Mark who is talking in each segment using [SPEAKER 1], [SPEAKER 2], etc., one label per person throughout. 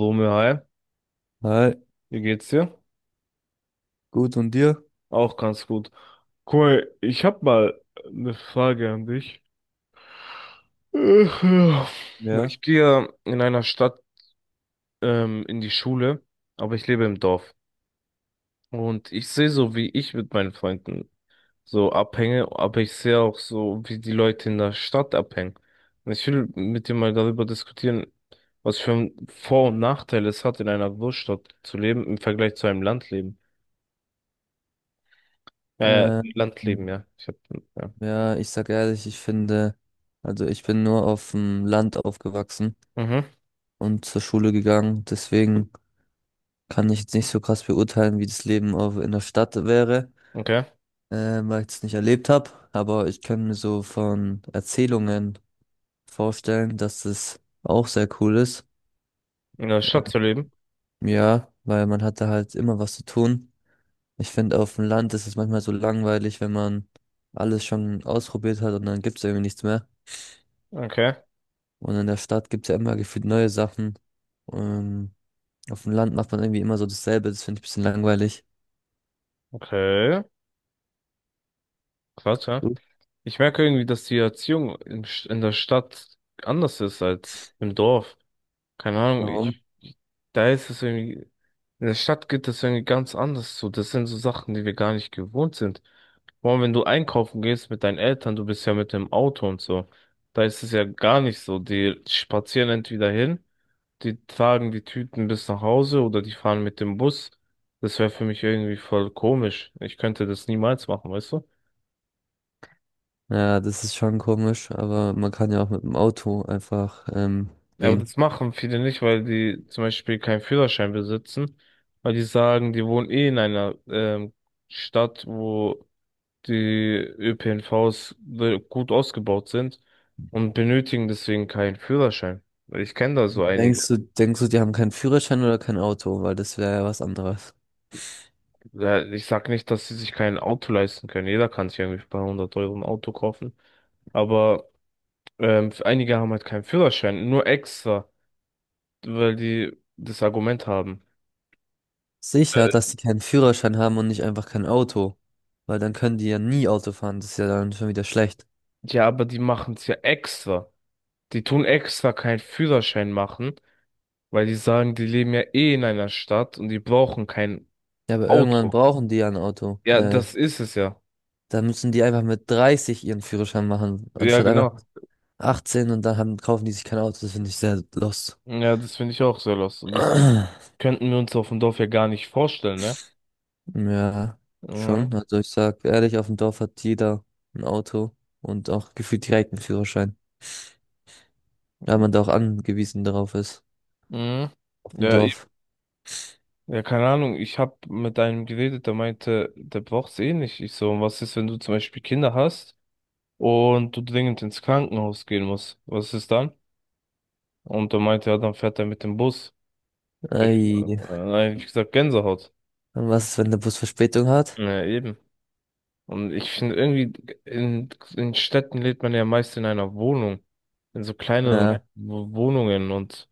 [SPEAKER 1] Romeo, hi,
[SPEAKER 2] Hi,
[SPEAKER 1] wie geht's dir?
[SPEAKER 2] gut, und dir?
[SPEAKER 1] Auch ganz gut. Guck mal, ich hab mal eine Frage an dich. Ach, ja.
[SPEAKER 2] Ja.
[SPEAKER 1] Ich gehe in einer Stadt in die Schule, aber ich lebe im Dorf. Und ich sehe so, wie ich mit meinen Freunden so abhänge, aber ich sehe auch so, wie die Leute in der Stadt abhängen. Und ich will mit dir mal darüber diskutieren, was für ein Vor- und Nachteil es hat, in einer Großstadt zu leben im Vergleich zu einem Landleben.
[SPEAKER 2] Ähm,
[SPEAKER 1] Landleben, ja. Ja.
[SPEAKER 2] ja, ich sag ehrlich, ich finde, also ich bin nur auf dem Land aufgewachsen
[SPEAKER 1] Mhm.
[SPEAKER 2] und zur Schule gegangen, deswegen kann ich jetzt nicht so krass beurteilen, wie das Leben auf, in der Stadt wäre,
[SPEAKER 1] Okay.
[SPEAKER 2] weil ich es nicht erlebt habe, aber ich kann mir so von Erzählungen vorstellen, dass es auch sehr cool ist.
[SPEAKER 1] In der Stadt
[SPEAKER 2] Ähm,
[SPEAKER 1] zu leben.
[SPEAKER 2] Ja, weil man hatte halt immer was zu tun. Ich finde, auf dem Land ist es manchmal so langweilig, wenn man alles schon ausprobiert hat und dann gibt es irgendwie nichts mehr.
[SPEAKER 1] Okay.
[SPEAKER 2] Und in der Stadt gibt es ja immer gefühlt neue Sachen. Ähm, auf dem Land macht man irgendwie immer so dasselbe. Das finde ich ein bisschen langweilig.
[SPEAKER 1] Okay. Krass, ja.
[SPEAKER 2] Hm?
[SPEAKER 1] Ich merke irgendwie, dass die Erziehung in der Stadt anders ist als im Dorf. Keine Ahnung,
[SPEAKER 2] Warum?
[SPEAKER 1] ich, da ist es irgendwie, in der Stadt geht das irgendwie ganz anders so. Das sind so Sachen, die wir gar nicht gewohnt sind. Vor allem, wenn du einkaufen gehst mit deinen Eltern, du bist ja mit dem Auto und so. Da ist es ja gar nicht so. Die spazieren entweder hin. Die tragen die Tüten bis nach Hause oder die fahren mit dem Bus. Das wäre für mich irgendwie voll komisch. Ich könnte das niemals machen, weißt du?
[SPEAKER 2] Ja, das ist schon komisch, aber man kann ja auch mit dem Auto einfach
[SPEAKER 1] Ja, aber
[SPEAKER 2] gehen.
[SPEAKER 1] das machen viele nicht, weil die zum Beispiel keinen Führerschein besitzen, weil die sagen, die wohnen eh in einer Stadt, wo die gut ausgebaut sind und benötigen deswegen keinen Führerschein. Ich kenne da so
[SPEAKER 2] Denkst
[SPEAKER 1] einige.
[SPEAKER 2] du, denkst du, die haben keinen Führerschein oder kein Auto? Weil das wäre ja was anderes.
[SPEAKER 1] Ja, ich sag nicht, dass sie sich kein Auto leisten können. Jeder kann sich irgendwie bei 100€ ein Auto kaufen. Aber einige haben halt keinen Führerschein, nur extra, weil die das Argument haben.
[SPEAKER 2] Sicher, dass
[SPEAKER 1] Äh,
[SPEAKER 2] die keinen Führerschein haben und nicht einfach kein Auto. Weil dann können die ja nie Auto fahren. Das ist ja dann schon wieder schlecht.
[SPEAKER 1] Ja, aber die machen es ja extra. Die tun extra keinen Führerschein machen, weil die sagen, die leben ja eh in einer Stadt und die brauchen kein
[SPEAKER 2] Ja, aber irgendwann
[SPEAKER 1] Auto.
[SPEAKER 2] brauchen die ja ein Auto.
[SPEAKER 1] Ja, das ist es ja.
[SPEAKER 2] Da müssen die einfach mit 30 ihren Führerschein machen,
[SPEAKER 1] Ja,
[SPEAKER 2] anstatt einfach
[SPEAKER 1] genau.
[SPEAKER 2] 18 und dann haben, kaufen die sich kein Auto. Das finde ich sehr lost.
[SPEAKER 1] Ja, das finde ich auch sehr lost. Und das könnten wir uns auf dem Dorf ja gar nicht vorstellen, ne?
[SPEAKER 2] Ja,
[SPEAKER 1] Mhm.
[SPEAKER 2] schon. Also ich sag ehrlich, auf dem Dorf hat jeder ein Auto und auch gefühlt direkt einen Führerschein, da man da auch angewiesen darauf ist.
[SPEAKER 1] Mhm.
[SPEAKER 2] Auf dem
[SPEAKER 1] Ja,
[SPEAKER 2] Dorf.
[SPEAKER 1] ja, keine Ahnung, ich habe mit einem geredet, der meinte, der braucht's eh nicht. Ich so, und was ist, wenn du zum Beispiel Kinder hast und du dringend ins Krankenhaus gehen musst? Was ist dann? Und er meinte, ja, dann fährt er mit dem Bus. Ich, äh,
[SPEAKER 2] Ei.
[SPEAKER 1] nein, ich gesagt, Gänsehaut.
[SPEAKER 2] Und was ist, wenn der Bus Verspätung hat?
[SPEAKER 1] Ja, eben. Und ich finde irgendwie, in, in Städten lebt man ja meist in einer Wohnung, in so kleineren
[SPEAKER 2] Ja.
[SPEAKER 1] Wohnungen und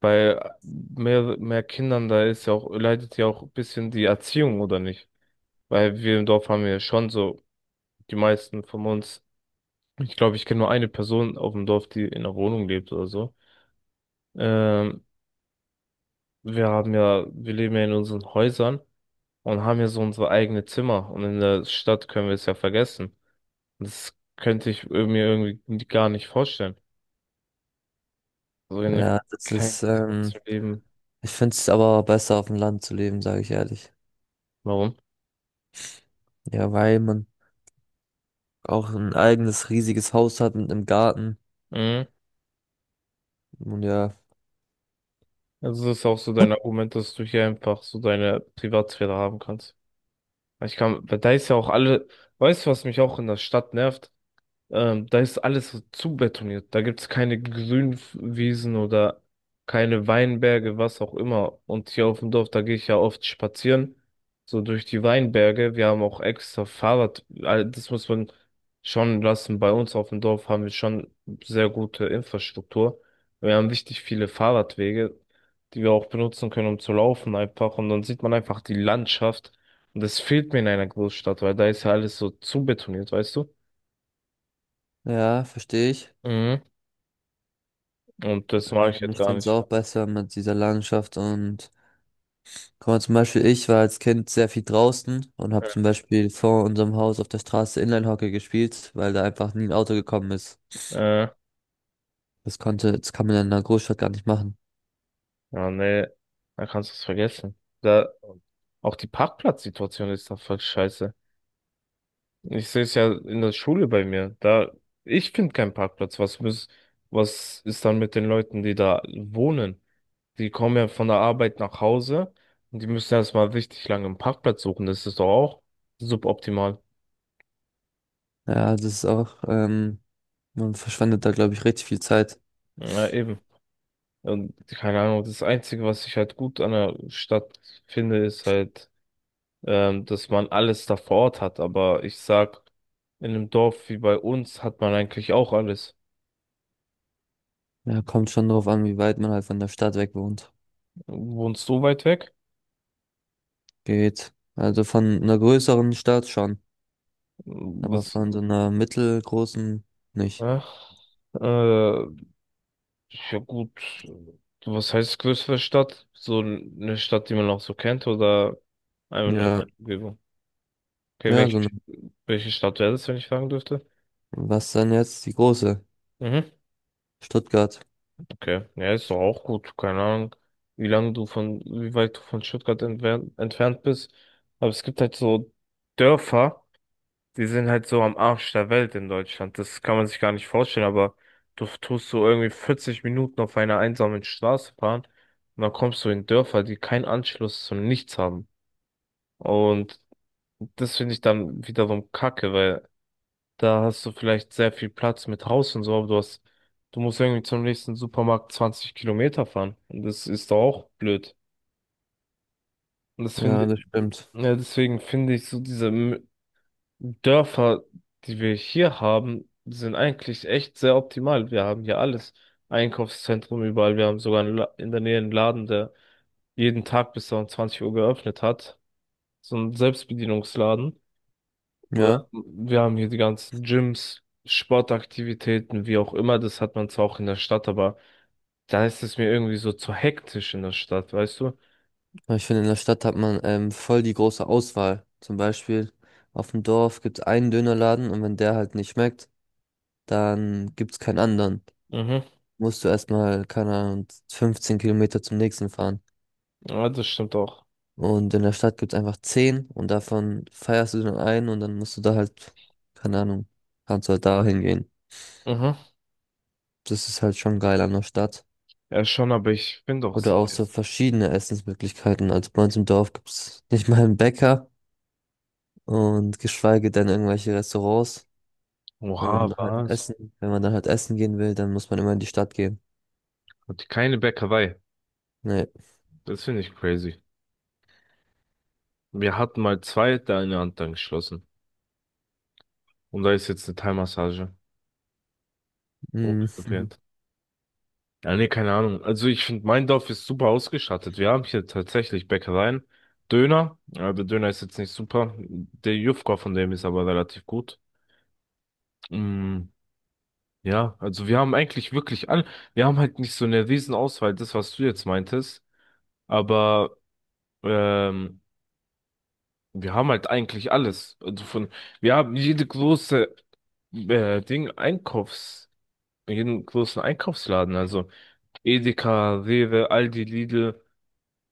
[SPEAKER 1] bei mehr Kindern, da ist ja auch, leidet ja auch ein bisschen die Erziehung, oder nicht? Weil wir im Dorf haben ja schon so die meisten von uns. Ich glaube, ich kenne nur eine Person auf dem Dorf, die in einer Wohnung lebt oder so. Ähm, wir haben ja, wir leben ja in unseren Häusern und haben ja so unsere eigene Zimmer. Und in der Stadt können wir es ja vergessen. Und das könnte ich mir irgendwie gar nicht vorstellen. So in
[SPEAKER 2] Ja,
[SPEAKER 1] einem
[SPEAKER 2] ja, das
[SPEAKER 1] kleinen
[SPEAKER 2] ist,
[SPEAKER 1] Zimmer zu leben.
[SPEAKER 2] ich finde es aber besser auf dem Land zu leben, sage ich ehrlich.
[SPEAKER 1] Warum?
[SPEAKER 2] Ja, weil man auch ein eigenes riesiges Haus hat mit einem Garten.
[SPEAKER 1] Mhm.
[SPEAKER 2] Und ja,
[SPEAKER 1] Also das ist auch so dein Argument, dass du hier einfach so deine Privatsphäre haben kannst. Ich kann, weil da ist ja auch alle, weißt du, was mich auch in der Stadt nervt? Da ist alles so zubetoniert. Da gibt es keine Grünwiesen oder keine Weinberge, was auch immer. Und hier auf dem Dorf, da gehe ich ja oft spazieren, so durch die Weinberge. Wir haben auch extra Fahrrad. Das muss man schon lassen. Bei uns auf dem Dorf haben wir schon sehr gute Infrastruktur. Wir haben richtig viele Fahrradwege, die wir auch benutzen können, um zu laufen einfach. Und dann sieht man einfach die Landschaft. Und das fehlt mir in einer Großstadt, weil da ist ja alles so zubetoniert, weißt du?
[SPEAKER 2] ja, verstehe ich.
[SPEAKER 1] Mhm. Und das mag ich jetzt
[SPEAKER 2] Ich
[SPEAKER 1] gar
[SPEAKER 2] finde es
[SPEAKER 1] nicht.
[SPEAKER 2] auch besser mit dieser Landschaft und guck mal, zum Beispiel ich war als Kind sehr viel draußen und habe zum Beispiel vor unserem Haus auf der Straße Inline-Hockey gespielt, weil da einfach nie ein Auto gekommen ist.
[SPEAKER 1] Äh,
[SPEAKER 2] Das kann man ja in einer Großstadt gar nicht machen.
[SPEAKER 1] ja, nee, da kannst du es vergessen. Da, auch die Parkplatzsituation ist da voll scheiße. Ich sehe es ja in der Schule bei mir. Da, ich finde keinen Parkplatz. Was ist dann mit den Leuten, die da wohnen? Die kommen ja von der Arbeit nach Hause und die müssen erstmal richtig lange einen Parkplatz suchen. Das ist doch auch suboptimal.
[SPEAKER 2] Ja, das ist auch, man verschwendet da, glaube ich, richtig viel Zeit.
[SPEAKER 1] Ja, eben. Und keine Ahnung, das Einzige, was ich halt gut an der Stadt finde, ist halt, dass man alles da vor Ort hat. Aber ich sag, in einem Dorf wie bei uns hat man eigentlich auch alles.
[SPEAKER 2] Ja, kommt schon drauf an, wie weit man halt von der Stadt weg wohnt.
[SPEAKER 1] Wohnst du weit weg?
[SPEAKER 2] Geht. Also von einer größeren Stadt schon, aber
[SPEAKER 1] Was?
[SPEAKER 2] von so einer mittelgroßen nicht.
[SPEAKER 1] Äh, äh, ja gut. Was heißt größere Stadt? So eine Stadt, die man auch so kennt oder einfach nur in
[SPEAKER 2] Ja. Ja,
[SPEAKER 1] der Umgebung? Okay,
[SPEAKER 2] ja, so eine,
[SPEAKER 1] welche Stadt wäre das, wenn ich fragen dürfte?
[SPEAKER 2] was dann jetzt die große?
[SPEAKER 1] Mhm.
[SPEAKER 2] Stuttgart.
[SPEAKER 1] Okay, ja, ist doch auch gut. Keine Ahnung, wie weit du von Stuttgart entfernt bist. Aber es gibt halt so Dörfer. Die sind halt so am Arsch der Welt in Deutschland. Das kann man sich gar nicht vorstellen, aber du tust so irgendwie 40 Minuten auf einer einsamen Straße fahren und dann kommst du in Dörfer, die keinen Anschluss zu nichts haben. Und das finde ich dann wiederum kacke, weil da hast du vielleicht sehr viel Platz mit Haus und so, aber du hast, du musst irgendwie zum nächsten Supermarkt 20 Kilometer fahren. Und das ist doch auch blöd. Und das
[SPEAKER 2] Ja,
[SPEAKER 1] finde,
[SPEAKER 2] das stimmt.
[SPEAKER 1] ja, deswegen finde ich so diese Dörfer, die wir hier haben, sind eigentlich echt sehr optimal. Wir haben hier alles. Einkaufszentrum überall. Wir haben sogar in der Nähe einen Laden, der jeden Tag bis um 20 Uhr geöffnet hat. So ein Selbstbedienungsladen. Wir
[SPEAKER 2] Ja,
[SPEAKER 1] wir haben hier die ganzen Gyms, Sportaktivitäten, wie auch immer. Das hat man zwar auch in der Stadt, aber da ist es mir irgendwie so zu hektisch in der Stadt, weißt du?
[SPEAKER 2] aber ich finde, in der Stadt hat man voll die große Auswahl. Zum Beispiel auf dem Dorf gibt es einen Dönerladen, und wenn der halt nicht schmeckt, dann gibt es keinen anderen.
[SPEAKER 1] Mhm.
[SPEAKER 2] Musst du erstmal, keine Ahnung, 15 Kilometer zum nächsten fahren.
[SPEAKER 1] Ja, das stimmt auch.
[SPEAKER 2] Und in der Stadt gibt es einfach 10 und davon feierst du dann einen und dann musst du da halt, keine Ahnung, kannst du halt da hingehen.
[SPEAKER 1] Mhm.
[SPEAKER 2] Das ist halt schon geil an der Stadt.
[SPEAKER 1] Ja, schon, aber ich bin doch.
[SPEAKER 2] Oder auch so verschiedene Essensmöglichkeiten. Also bei uns im Dorf gibt's nicht mal einen Bäcker und geschweige denn irgendwelche Restaurants.
[SPEAKER 1] Oha, was?
[SPEAKER 2] Wenn man dann halt essen gehen will, dann muss man immer in die Stadt gehen.
[SPEAKER 1] Und keine Bäckerei.
[SPEAKER 2] Nee.
[SPEAKER 1] Das finde ich crazy. Wir hatten mal zwei, der eine hat dann geschlossen. Und da ist jetzt eine Thai-Massage. Oh,
[SPEAKER 2] Mm.
[SPEAKER 1] geplant. Ja, nee, keine Ahnung. Also ich finde, mein Dorf ist super ausgestattet. Wir haben hier tatsächlich Bäckereien. Döner. Ja, der Döner ist jetzt nicht super. Der Jufka von dem ist aber relativ gut. Mm, ja, also wir haben eigentlich wirklich all. Wir haben halt nicht so eine riesen Auswahl, das, was du jetzt meintest. Aber ähm, Wir haben halt eigentlich alles. Wir haben jede große äh, Ding Einkaufs, jeden großen Einkaufsladen. Also Edeka, Rewe, Aldi, Lidl,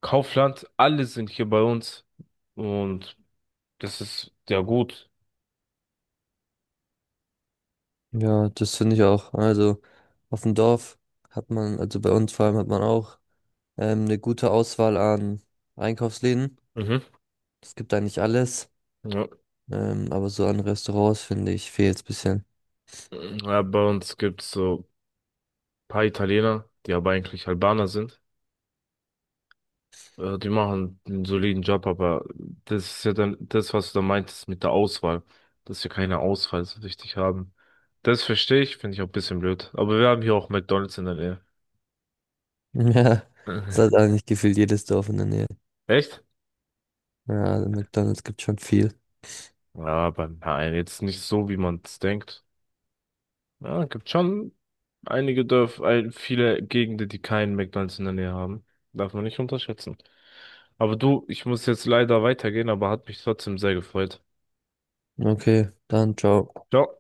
[SPEAKER 1] Kaufland, alle sind hier bei uns. Und das ist ja gut.
[SPEAKER 2] Ja, das finde ich auch. Also auf dem Dorf hat man, also bei uns vor allem hat man auch eine gute Auswahl an Einkaufsläden.
[SPEAKER 1] Mhm.
[SPEAKER 2] Es gibt da nicht alles,
[SPEAKER 1] Ja.
[SPEAKER 2] aber so an Restaurants finde ich fehlt es bisschen.
[SPEAKER 1] Ja, bei uns gibt's so ein paar Italiener, die aber eigentlich Albaner sind. Ja, die machen einen soliden Job, aber das ist ja dann das, was du da meintest mit der Auswahl, dass wir keine Auswahl so richtig haben. Das verstehe ich, finde ich auch ein bisschen blöd. Aber wir haben hier auch McDonald's in der Nähe.
[SPEAKER 2] Ja, das hat eigentlich gefühlt jedes Dorf in der Nähe.
[SPEAKER 1] Echt?
[SPEAKER 2] Ja, McDonald's gibt schon viel.
[SPEAKER 1] Ja, aber nein, jetzt nicht so, wie man es denkt. Ja, gibt schon einige Dörfer, viele Gegenden, die keinen McDonald's in der Nähe haben. Darf man nicht unterschätzen. Aber du, ich muss jetzt leider weitergehen, aber hat mich trotzdem sehr gefreut.
[SPEAKER 2] Okay, dann ciao.
[SPEAKER 1] Ciao.